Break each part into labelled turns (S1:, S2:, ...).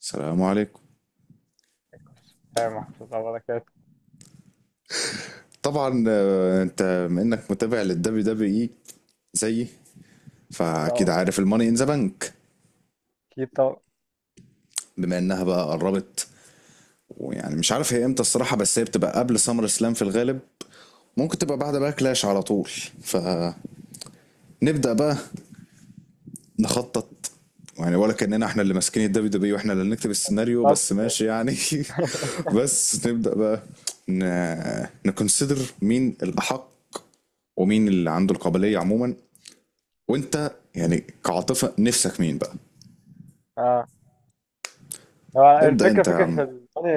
S1: السلام عليكم.
S2: هي محفوظ على بركات.
S1: طبعا، انت بما انك متابع للدبليو دبليو اي زيي، فاكيد
S2: اه
S1: عارف الماني ان ذا بنك
S2: اكيد طبعا.
S1: بما انها بقى قربت. ويعني مش عارف هي امتى الصراحه، بس هي بتبقى قبل سمر سلام في الغالب، ممكن تبقى بعد بقى كلاش على طول. فنبدا بقى نخطط، يعني ولا كاننا احنا اللي ماسكين الدبليو دبليو واحنا اللي نكتب السيناريو، بس
S2: بالظبط.
S1: ماشي يعني. بس نبدا بقى ن... نكونسيدر مين الاحق ومين اللي عنده القابليه عموما. وانت يعني كعاطفه نفسك مين بقى؟
S2: اه هو
S1: ابدا
S2: الفكره
S1: انت يا
S2: فكره في
S1: عم.
S2: الماني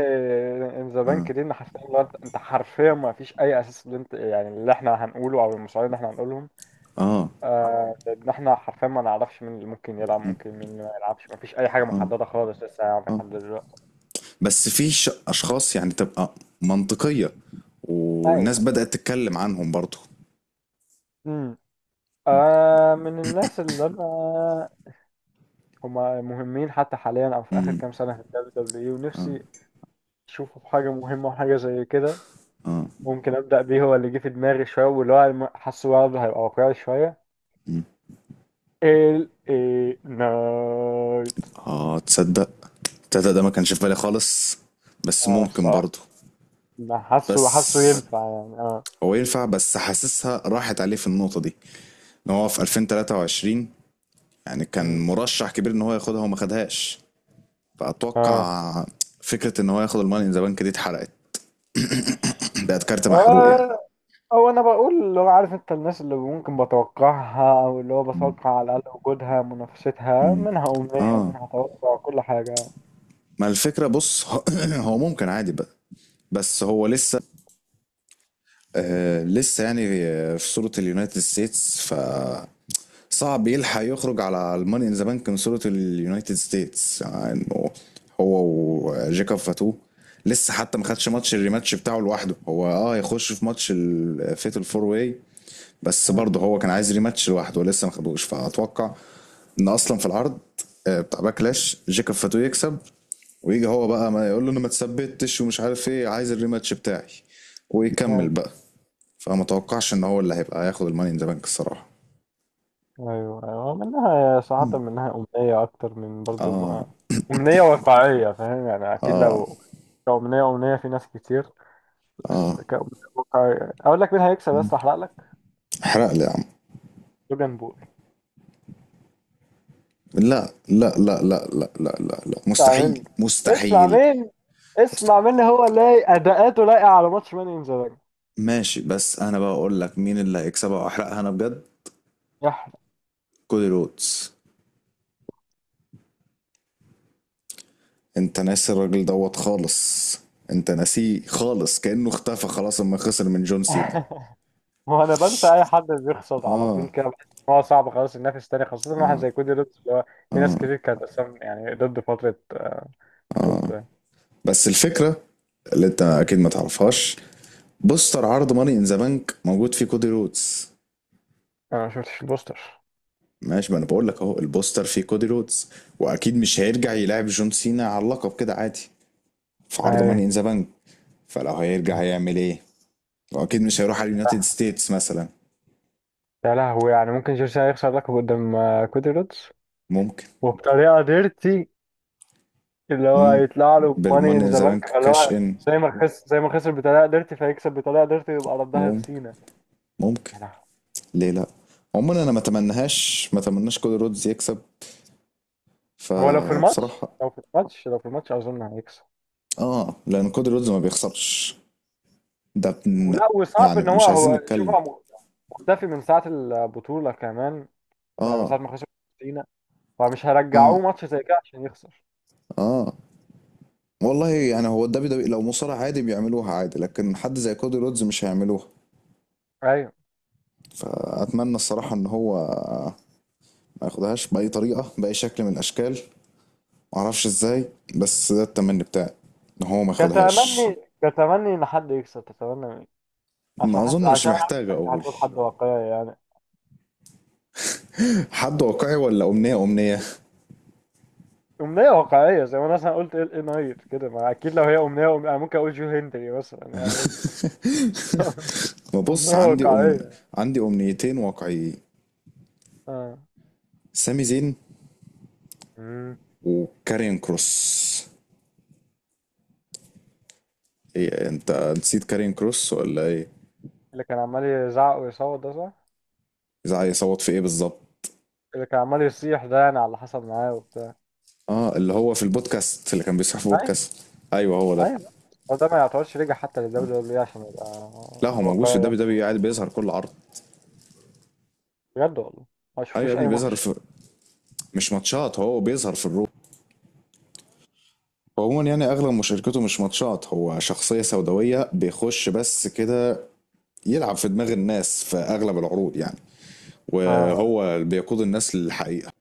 S2: ان ذا بانك دي، ان حرفيا لو انت حرفيا ما فيش اي اساس اللي انت، يعني اللي احنا هنقوله او المصارين اللي احنا هنقولهم.
S1: اه،
S2: ان احنا حرفيا ما نعرفش مين اللي ممكن يلعب، مين اللي ما يلعبش، ما فيش اي حاجه محدده خالص لسه، يعني
S1: اه.
S2: لحد دلوقتي.
S1: بس في اشخاص يعني تبقى منطقيه، والناس
S2: ايوه.
S1: بدات تتكلم عنهم برضو.
S2: امم آه، من الناس اللي انا هما مهمين حتى حاليا او في اخر
S1: امم.
S2: كام سنه في الدبليو دبليو اي ونفسي اشوفه في حاجه مهمه وحاجه زي كده، ممكن ابدا بيه، هو اللي جه في دماغي شويه واللي هو حاسه برضه هيبقى واقعي شويه، ال اي نايت.
S1: اه، تصدق؟ تصدق ده ما كانش في بالي خالص، بس
S2: اه
S1: ممكن برضو.
S2: الصراحه أنا حاسه
S1: بس
S2: ينفع،
S1: هو ينفع، بس حاسسها راحت عليه في النقطه دي، ان هو في 2023 يعني كان
S2: أمم.
S1: مرشح كبير ان هو ياخدها وما خدهاش.
S2: اه
S1: فاتوقع فكره ان هو ياخد الماني ان ذا بانك دي اتحرقت. بقت كارت محروق يعني.
S2: آه، هو انا بقول اللي هو، عارف انت، الناس اللي ممكن بتوقعها او اللي هو بتوقع على الاقل وجودها منافستها، منها امنيه،
S1: اه،
S2: منها توقع، كل حاجه.
S1: ما الفكرة بص، هو ممكن عادي بقى، بس هو لسه لسه يعني في صورة اليونايتد ستيتس، ف صعب يلحق يخرج على الماني ان ذا بانك من صورة اليونايتد ستيتس يعني. هو وجيكاب فاتو لسه حتى ما خدش ماتش الريماتش بتاعه لوحده، هو اه يخش في ماتش الفيتال فور واي، بس برضه هو كان عايز ريماتش لوحده ولسه ما خدوش. فاتوقع ان اصلا في العرض بتاع باكلاش جيكاب فاتو يكسب، ويجي هو بقى ما يقول له انا ما تثبتش ومش عارف ايه، عايز الريماتش بتاعي، ويكمل
S2: آه.
S1: بقى. فما توقعش ان هو اللي هيبقى هياخد الماني ان ذا بانك الصراحه.
S2: ايوه ايوه، منها ساعات منها امنيه اكتر من برضو
S1: اه،
S2: ما امنيه واقعيه، فاهم يعني؟ اكيد
S1: اه،
S2: لو كأمنية، أمنية في ناس كتير، بس
S1: اه،
S2: كأمنية واقعية أقول لك مين هيكسب بس أحرق لك.
S1: احرق لي يا عم.
S2: لوجان بول.
S1: لا لا لا لا لا لا لا لا،
S2: اسمع
S1: مستحيل
S2: مني اسمع
S1: مستحيل.
S2: مين
S1: مست...
S2: اسمع مني، هو لايق، أداءاته لايقة على ماتش ماني إن ذا بانك.
S1: ماشي، بس انا بقى اقول لك مين اللي هيكسبها واحرقها انا بجد.
S2: يح
S1: كودي رودز. انت ناسي الراجل دوت خالص، انت ناسيه خالص كأنه اختفى خلاص اما خسر من جون سينا.
S2: هو أنا بنسى أي حد بيخسر على طول
S1: اه.
S2: كده، بحس إن هو صعب خلاص ينافس تاني، خاصة واحد زي كودي رودز اللي هو في ناس كتير كانت أصلا، يعني ضد فترة، بطولته يعني.
S1: بس الفكره اللي انت اكيد ما تعرفهاش، بوستر عرض ماني ان ذا بانك موجود فيه كودي رودز.
S2: أنا ما شفتش البوستر.
S1: ماشي، ما انا بقول لك اهو، البوستر فيه كودي رودز. واكيد مش هيرجع يلعب جون سينا على اللقب كده عادي في عرض ماني
S2: أيوه.
S1: ان ذا بانك، فلو هيرجع هيعمل ايه؟ واكيد مش هيروح على اليونايتد ستيتس مثلا.
S2: يا لهوي، يعني ممكن جيرسي هيخسر لقب قدام، كودي رودز،
S1: ممكن.
S2: وبطريقة ديرتي، اللي هو
S1: مم.
S2: هيطلع له ماني
S1: بالماني
S2: ان
S1: ان
S2: ذا
S1: ذا
S2: بانك،
S1: بانك
S2: فاللي
S1: كاش
S2: هو
S1: ان.
S2: زي ما خسر، بطريقة ديرتي فهيكسب بطريقة ديرتي ويبقى ردها في
S1: ممكن،
S2: سينا.
S1: ممكن،
S2: يا لهوي.
S1: ليه لا؟ عموما انا ما اتمناهاش، ما اتمناش كودي رودز يكسب.
S2: هو
S1: فبصراحه،
S2: لو في الماتش أظن هيكسب.
S1: اه، لان كودي رودز ما بيخسرش. ده بن...
S2: ولا وصعب
S1: يعني
S2: إن هو
S1: مش عايزين
S2: هو شوف،
S1: نتكلم.
S2: هو مختفي من ساعة البطولة كمان، يعني من ساعة
S1: اه،
S2: ما خسر سينا، فمش هيرجعوه
S1: اه،
S2: ماتش زي كده عشان يخسر.
S1: اه، والله يعني هو الدبليو دبليو لو مصارع عادي بيعملوها عادي، لكن حد زي كودي رودز مش هيعملوها.
S2: أيوه.
S1: فاتمنى الصراحه ان هو ما ياخدهاش باي طريقه باي شكل من الاشكال، معرفش ازاي، بس ده التمني بتاعي، ان هو ما ياخدهاش.
S2: كتمني كتمني إن حد يكسب، تتمنى عشان
S1: ما
S2: حاسس،
S1: اظن مش
S2: عشان عارف
S1: محتاج
S2: انت
S1: اقول.
S2: هتقول حد واقعي يعني.
S1: حد واقعي ولا امنيه؟ امنيه.
S2: أمنية واقعية، زي ما أنا مثلا قلت إل إيه نايت كده. ما أكيد لو هي أمنية، أنا ممكن أقول جو هنري مثلا يعني، بس
S1: ببص،
S2: أمنية واقعية.
S1: عندي امنيتين واقعيين.
S2: آه.
S1: سامي زين
S2: مم.
S1: وكارين كروس. إيه انت، نسيت كارين كروس ولا ايه؟
S2: اللي كان عمال يزعق ويصوت ده، صح؟
S1: إذا عايز يصوت في ايه بالظبط؟
S2: اللي كان عمال يصيح ده يعني، على حسب معاه وبتاع.
S1: اه، اللي هو في البودكاست، اللي كان بيصحى في
S2: أيوه.
S1: بودكاست. ايوه هو ده.
S2: أيوه هو ده. ما يعتبرش رجع حتى للدبليو دبليو دبليو إي عشان يبقى
S1: لا، هو موجود في
S2: واقعي يعني.
S1: الدبليو دبليو، قاعد بيظهر كل عرض.
S2: بجد والله ما
S1: ايوه يا
S2: شفتوش
S1: ابني
S2: أي
S1: بيظهر
S2: ماتش.
S1: في، مش ماتشات، هو بيظهر في الرو. هو عموما يعني اغلب مشاركته مش ماتشات، هو شخصيه سوداويه بيخش بس كده، يلعب في دماغ الناس في اغلب العروض يعني،
S2: آه،
S1: وهو اللي بيقود الناس للحقيقه.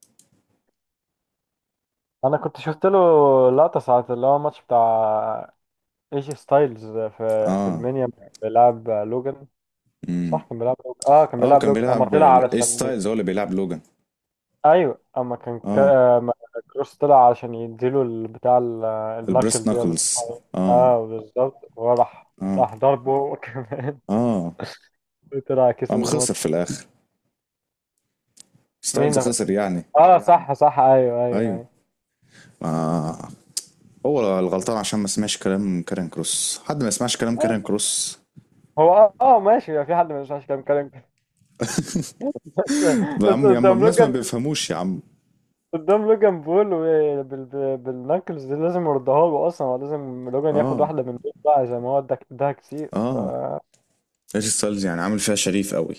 S2: أنا كنت شفت له لقطة ساعة، اللي هو الماتش بتاع ايجي ستايلز في في
S1: اه.
S2: المنيا، بيلعب لوجان.
S1: امم.
S2: صح كان بيلعب لوجان،
S1: اه، كان
S2: اما
S1: بيلعب
S2: طلع
S1: ايج
S2: علشان
S1: ستايلز، هو اللي بيلعب لوجان.
S2: ايوه،
S1: اه،
S2: أما كروس طلع علشان يديله البتاع،
S1: البريست
S2: النكل دي ولا
S1: ناكلز.
S2: اسمها ايه.
S1: اه،
S2: اه بالظبط،
S1: اه،
S2: راح ضربه هو كمان،
S1: اه،
S2: طلع كسب
S1: قام خسر
S2: الماتش.
S1: في الاخر، ستايلز
S2: مين؟ اه،
S1: خسر يعني.
S2: أيوة. صح صح، ايوه ايوه
S1: ايوه.
S2: ايوه.
S1: ما هو الغلطان عشان ما سمعش كلام كارين كروس، حد ما يسمعش كلام كارين كروس.
S2: هو اه، آه، ماشي، في حد ما ينفعش كلام، بس،
S1: ده يا
S2: بس
S1: عم يا عم
S2: قدام
S1: الناس ما
S2: لوجان،
S1: بيفهموش يا عم.
S2: قدام لوجان بول و- بال... بال- بالنكلز دي لازم يردها له، اصلا هو لازم لوجان ياخد
S1: اه،
S2: واحده من دول بقى، زي ما هو اداك اداها كتير، ف
S1: اه، ايش ستايلز يعني عامل فيها شريف قوي.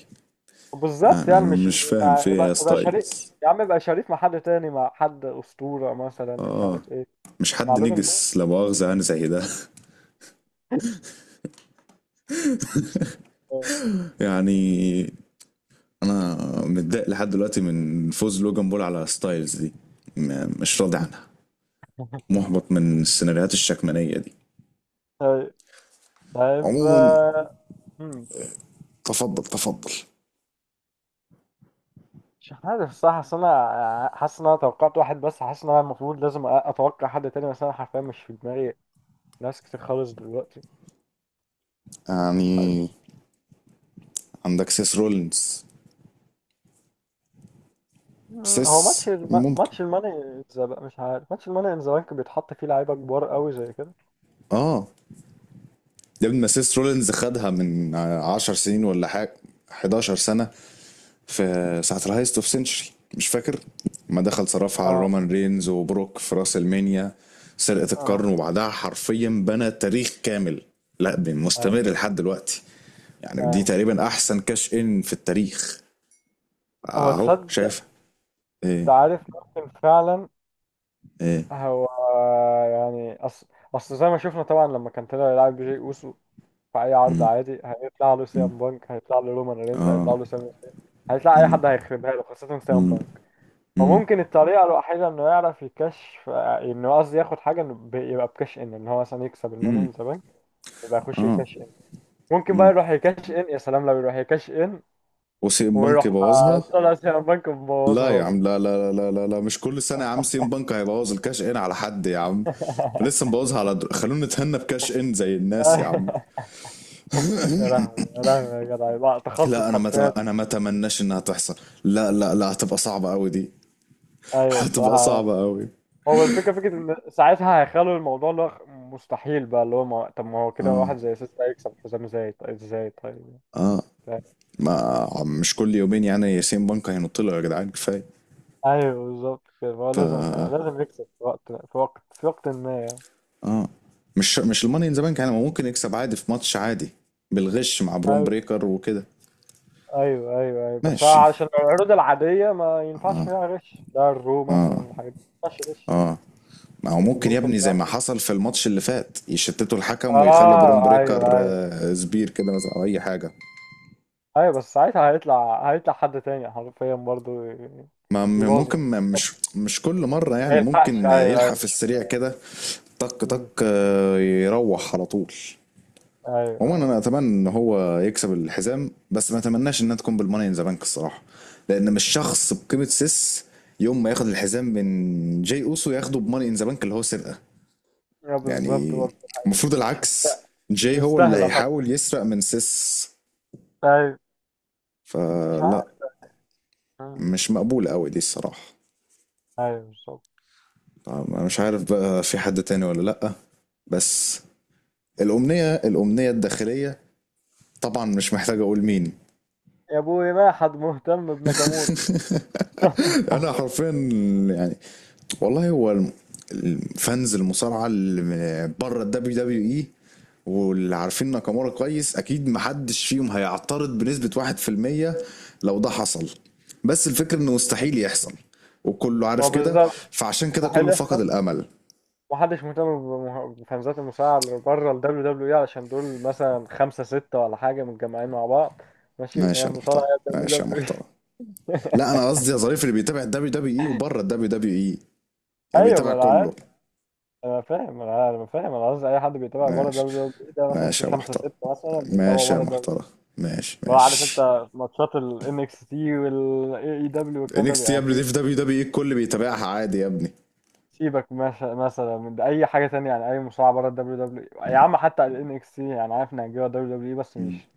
S2: بالظبط
S1: انا
S2: يعني، مش
S1: مش فاهم
S2: يعني
S1: فيها يا
S2: يبقى شريك.
S1: ستايلز.
S2: يا عم يبقى شريك مع حد تاني، مع حد اسطوره مثلا، مش
S1: اه،
S2: عارف ايه،
S1: مش
S2: مش مع
S1: حد
S2: لوجان بول.
S1: نجس لا مؤاخذة يعني زي ده. يعني انا متضايق لحد دلوقتي من فوز لوجان بول على ستايلز دي، مش راضي عنها. محبط من السيناريوهات الشكمانية دي.
S2: طيب. طيب
S1: عموما.
S2: آه، مم.
S1: تفضل تفضل.
S2: مش عارف صح، اصل انا حاسس ان انا توقعت واحد، بس حاسس ان انا المفروض لازم اتوقع حد تاني، بس انا حرفيا مش في دماغي ناس كتير خالص دلوقتي، مش
S1: يعني
S2: عارف.
S1: عندك سيس رولينز.
S2: آه. هو
S1: سيس
S2: ماتش
S1: ممكن،
S2: ماتش الماني انزا بقى، مش عارف ماتش الماني ان ذا بانك بيتحط فيه لعيبه كبار قوي زي كده.
S1: اه. يا ابني ما سيس رولينز خدها من عشر سنين ولا حاجة، 11 سنة، في ساعة الهايست اوف سنشري مش فاكر، ما دخل صرفها على
S2: اه
S1: رومان رينز وبروك في راس المانيا، سرقة القرن،
S2: اه.
S1: وبعدها حرفيا بنى تاريخ كامل. لا،
S2: آه.
S1: مستمر لحد دلوقتي. يعني دي
S2: آه.
S1: تقريبا احسن كاش ان في التاريخ.
S2: هو
S1: اهو
S2: تصدق ده؟
S1: شايف.
S2: انت
S1: ايه،
S2: عارف، ممكن فعلا
S1: ايه.
S2: هو، يعني اصل، زي ما شفنا طبعا لما كان طلع يلعب بجي اوسو في اي عرض
S1: مم،
S2: عادي، هيطلع له
S1: مم.
S2: سيام بانك، هيطلع له رومان رينز، هيطلع
S1: اه.
S2: له سامي زين، هيطلع اي حد هيخربها له، خاصه سيام
S1: امم،
S2: بانك.
S1: امم،
S2: وممكن الطريقه الوحيده انه يعرف يكشف، انه قصدي ياخد حاجه، انه يبقى بكاش ان، ان هو مثلا يكسب الماني
S1: امم.
S2: ان ذا بانك يبقى يخش
S1: اه.
S2: يكاش ان، ممكن بقى يروح يكاش ان. يا سلام لو يروح يكاش ان
S1: وسي ام بنك
S2: ويروح،
S1: بوظها.
S2: طلع سهم بنك
S1: لا يا
S2: مبوظها
S1: عم
S2: له.
S1: لا لا لا لا لا، لا. مش كل سنه يا عم سي ام بنك هيبوظ الكاش ان على حد يا عم. لسه مبوظها على در... خلونا نتهنى بكاش ان زي الناس يا عم.
S2: يا لهوي، يا لهوي يا جدع، لا تخصص
S1: لا،
S2: حرفيا.
S1: انا ما اتمناش انها تحصل. لا لا لا، هتبقى صعبه قوي دي.
S2: ايوه
S1: هتبقى
S2: الصراحه،
S1: صعبه قوي.
S2: هو الفكره ان ساعتها هيخلوا الموضوع اللي هو مستحيل بقى، اللي هو ما... طب ما هو كده واحد زي سيستا هيكسب حزام زي، ازاي طيب؟
S1: ما مش كل يومين يعني سي ام بنك هينط له، يا جدعان كفايه.
S2: ايوه بالظبط كده، هو لازم يكسب في وقت، ما يعني.
S1: فمش مش الماني ان ذا بنك يعني، ما ممكن يكسب عادي في ماتش عادي، بالغش مع برون
S2: أيوة.
S1: بريكر وكده.
S2: ايوه ايوه ايوه، بس
S1: ماشي،
S2: عشان العروض العاديه ما ينفعش فيها غش، لا الرو مثلا والحاجات دي ما ينفعش غش،
S1: اه. ما هو
S2: لكن
S1: ممكن يا
S2: ممكن،
S1: ابني زي
S2: لا
S1: ما حصل في الماتش اللي فات، يشتتوا الحكم ويخلوا برون
S2: اه ايوه
S1: بريكر
S2: ايوه
S1: سبير كده مثلا او اي حاجه.
S2: ايوه، بس ساعتها هيطلع حد تاني حرفيا برضو
S1: ما
S2: يبوظ
S1: ممكن، ما
S2: الموضوع
S1: مش
S2: اصلا.
S1: مش كل مره
S2: ما
S1: يعني،
S2: يلحقش،
S1: ممكن
S2: ايوه
S1: يلحق
S2: ايوه
S1: في
S2: مش
S1: السريع
S2: كده.
S1: كده. طق طق،
S2: أمم،
S1: يروح على طول.
S2: ايوه
S1: عموما انا
S2: ايوه.
S1: اتمنى ان هو يكسب الحزام، بس ما اتمناش انها تكون بالماني ان ذا بانك الصراحه، لان مش شخص بقيمه سيس يوم ما ياخد الحزام من جاي اوسو، ياخده بماني ان ذا بانك اللي هو سرقه.
S2: يا بالظبط
S1: يعني
S2: برضو،
S1: المفروض
S2: مش
S1: العكس،
S2: مستاهله، مش
S1: جاي هو اللي
S2: مستاهله حرفيا.
S1: هيحاول يسرق من سيس.
S2: ايوه، مش عارف.
S1: فلا،
S2: أمم،
S1: مش مقبولة قوي دي الصراحة.
S2: ايوه بالظبط.
S1: طب أنا مش عارف بقى في حد تاني ولا لأ، بس الأمنية الأمنية الداخلية، طبعا مش محتاج أقول مين.
S2: يا ابوي ما حد مهتم بناكامورا.
S1: أنا حرفيا يعني والله هو الفانز المصارعة اللي بره ال دبليو دبليو اي، واللي عارفين ناكامورا كويس، اكيد محدش فيهم هيعترض بنسبة 1% لو ده حصل. بس الفكرة انه مستحيل يحصل، وكله
S2: ما هو
S1: عارف كده،
S2: بالظبط،
S1: فعشان كده
S2: مستحيل
S1: كله فقد
S2: يحصل.
S1: الامل.
S2: محدش مهتم بفانزات المصارعة اللي بره ال WWE، علشان دول مثلا خمسة ستة ولا حاجة متجمعين مع بعض. ماشي، هي
S1: ماشي يا
S2: المصارعة،
S1: محترم،
S2: هي ال
S1: ماشي يا
S2: WWE.
S1: محترم. لا انا قصدي يا ظريف اللي بيتابع الدبليو دبليو اي وبره الدبليو دبليو اي، يعني
S2: أيوة
S1: بيتابع
S2: ما أنا عارف،
S1: كله.
S2: أنا فاهم أنا أنا فاهم، أنا قصدي أي حد بيتابع بره ال
S1: ماشي،
S2: WWE ده، مثلا في
S1: ماشي يا
S2: خمسة
S1: محترم،
S2: ستة مثلا بيتابعوا
S1: ماشي يا
S2: بره ال WWE،
S1: محترم، ماشي
S2: لو عارف
S1: ماشي.
S2: أنت ماتشات ال NXT وال AEW والكلام ده
S1: انكس تي يا
S2: بيبقى
S1: ابني
S2: فيه.
S1: دي في دبليو دبليو اي، الكل بيتابعها عادي يا ابني.
S2: سيبك مش- مثلا من أي حاجة تانية، يعني أي مصارعة بره ال WWE يا عم، حتى ال NXT يعني، عارف إنها هتجيبها ال WWE، بس مش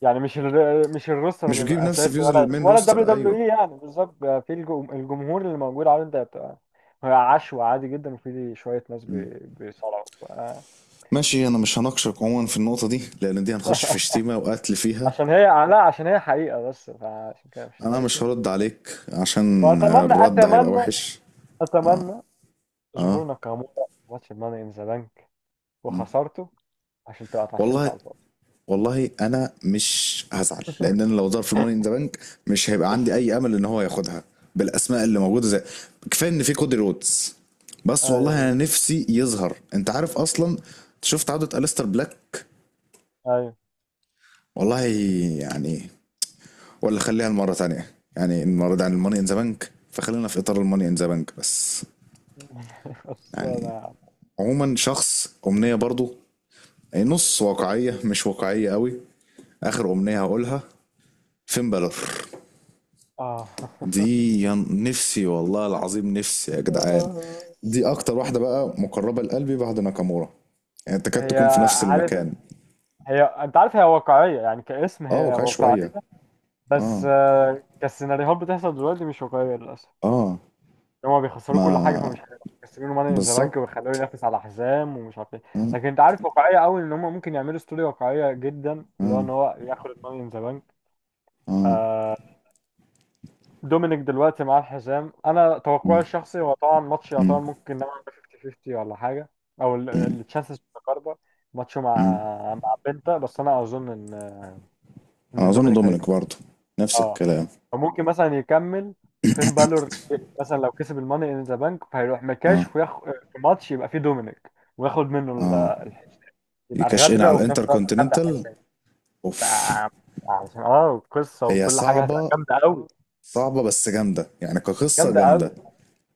S2: يعني، مش
S1: مش
S2: الروستر
S1: بتجيب نفس
S2: الاساسي،
S1: فيوز المين
S2: ولا الدبليو
S1: روستر،
S2: دبليو
S1: ايوه.
S2: اي يعني بالظبط بقى، في الجمهور اللي موجود، على انت بتبقى هي عشوة عادي جدا، وفي شوية ناس بيصارعوا ف
S1: ماشي، انا مش هناقشك عموما في النقطه دي لان دي هنخش في شتيمه وقتل فيها.
S2: عشان هي، لا عشان هي حقيقة، بس فعشان كده مش
S1: انا مش
S2: تناقشني.
S1: هرد عليك عشان
S2: وأتمنى
S1: الرد هيبقى
S2: أتمنى
S1: وحش.
S2: أتمنى ظهور
S1: اه.
S2: ناكامورا في ماتش ماني إن ذا بانك، وخسرته عشان تبقى اتعشمت
S1: والله،
S2: على الفاضي.
S1: والله انا مش هزعل، لان انا لو ظهر في الماني ان ذا بانك مش هيبقى عندي اي امل ان هو ياخدها بالاسماء اللي موجوده، زي، كفايه ان في كودي رودز. بس والله انا
S2: أيوه
S1: نفسي يظهر، انت عارف اصلا، شفت عوده الستر بلاك.
S2: أيوه.
S1: والله يعني، ولا خليها المرة تانية يعني، النهارده عن الماني ان ذا بانك فخلينا في اطار الماني ان ذا بانك بس.
S2: خلصانة
S1: يعني
S2: يا عم.
S1: عموما شخص امنية برضو، أي نص واقعية مش واقعية قوي، اخر امنية هقولها، فين بالور.
S2: آه.
S1: دي يا نفسي والله العظيم نفسي يا جدعان.
S2: آه.
S1: دي اكتر واحدة بقى مقربة لقلبي بعد ناكامورا، يعني تكاد
S2: هي،
S1: تكون في نفس
S2: عارف
S1: المكان.
S2: انت- هي انت عارف، هي واقعية يعني كاسم،
S1: اه،
S2: هي
S1: واقعية
S2: واقعية،
S1: شوية.
S2: بس
S1: اه،
S2: آه، كالسيناريوهات بتحصل دلوقتي مش واقعية للأسف.
S1: اه.
S2: هما بيخسروا كل حاجة،
S1: ما
S2: فمش هيبقوا مكسبينه ماني ان ذا بانك ويخلوه
S1: بالظبط.
S2: ينافس على حزام ومش عارف ايه.
S1: اه،
S2: لكن انت عارف واقعية قوي ان هما ممكن يعملوا ستوري واقعية جدا، اللي هو
S1: اه،
S2: ان هو ياخد الماني ان ذا بانك.
S1: اه.
S2: آه، دومينيك دلوقتي مع الحزام، انا توقعي
S1: مم.
S2: الشخصي هو طبعا، ماتش يعتبر
S1: امم،
S2: ممكن نوعا ما 50 50 ولا حاجة، او التشانسز متقاربة، ماتشه مع
S1: امم.
S2: بنتا، بس انا اظن ان
S1: اظن
S2: دومينيك
S1: دومينيك
S2: هيكسب.
S1: برضه نفس
S2: اه،
S1: الكلام.
S2: فممكن مثلا يكمل، وفين بالور مثلا لو كسب الماني ان ذا بانك، فهيروح
S1: اه،
S2: مكاش وياخد في ماتش يبقى فيه دومينيك، وياخد منه
S1: اه.
S2: الحزام، يبقى
S1: يكاش ان
S2: غدرة
S1: على
S2: وفي نفس
S1: الانتر
S2: الوقت خد
S1: كونتيننتال.
S2: الحزام، ف
S1: اوف.
S2: عشان اه القصة
S1: هي
S2: وكل حاجة هتبقى
S1: صعبه،
S2: جامدة قوي،
S1: صعبه بس جامده يعني كقصه
S2: جامدة
S1: جامده.
S2: قوي.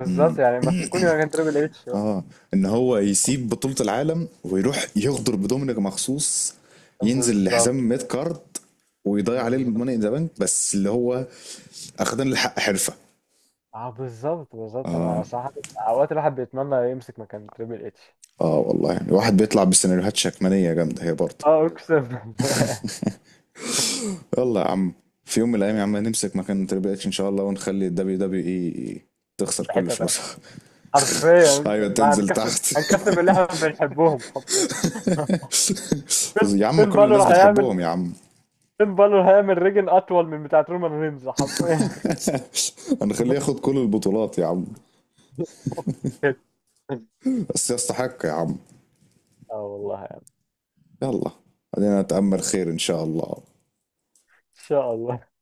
S2: بالظبط، يعني مسكوني يا كان تريبل اتش بقى.
S1: اه، ان هو يسيب بطوله العالم ويروح يغدر بدومينيك مخصوص، ينزل لحزام
S2: بالظبط
S1: ميد كارد، ويضيع عليه
S2: بالظبط،
S1: الماني ذا بانك، بس اللي هو اخدان الحق حرفه.
S2: اه بالظبط بالظبط. انا
S1: اه،
S2: صراحة اوقات الواحد بيتمنى يمسك مكان تريبل اتش.
S1: اه، والله يعني الواحد بيطلع بسيناريوهات شكمانيه جامده هي برضه.
S2: اه اقسم بالله.
S1: يلا يا عم، في يوم من الايام يا عم نمسك مكان تريبل اتش ان شاء الله، ونخلي الدبليو دبليو اي تخسر
S2: في
S1: كل
S2: حتة تانية،
S1: فلوسها.
S2: حرفيا
S1: ايوه
S2: لا،
S1: تنزل تحت.
S2: هنكسر اللي احنا بنحبهم حرفيا.
S1: يا عم
S2: فين
S1: كل
S2: بالور
S1: الناس
S2: هيعمل،
S1: بتحبهم يا عم.
S2: فين بالور هيعمل ريجن اطول من بتاعت رومان رينز حرفيا.
S1: هنخليه ياخد كل البطولات يا عم. بس يستحق يا عم.
S2: اه والله يعني.
S1: يلا، خلينا نتامل خير ان شاء الله.
S2: ان شاء الله.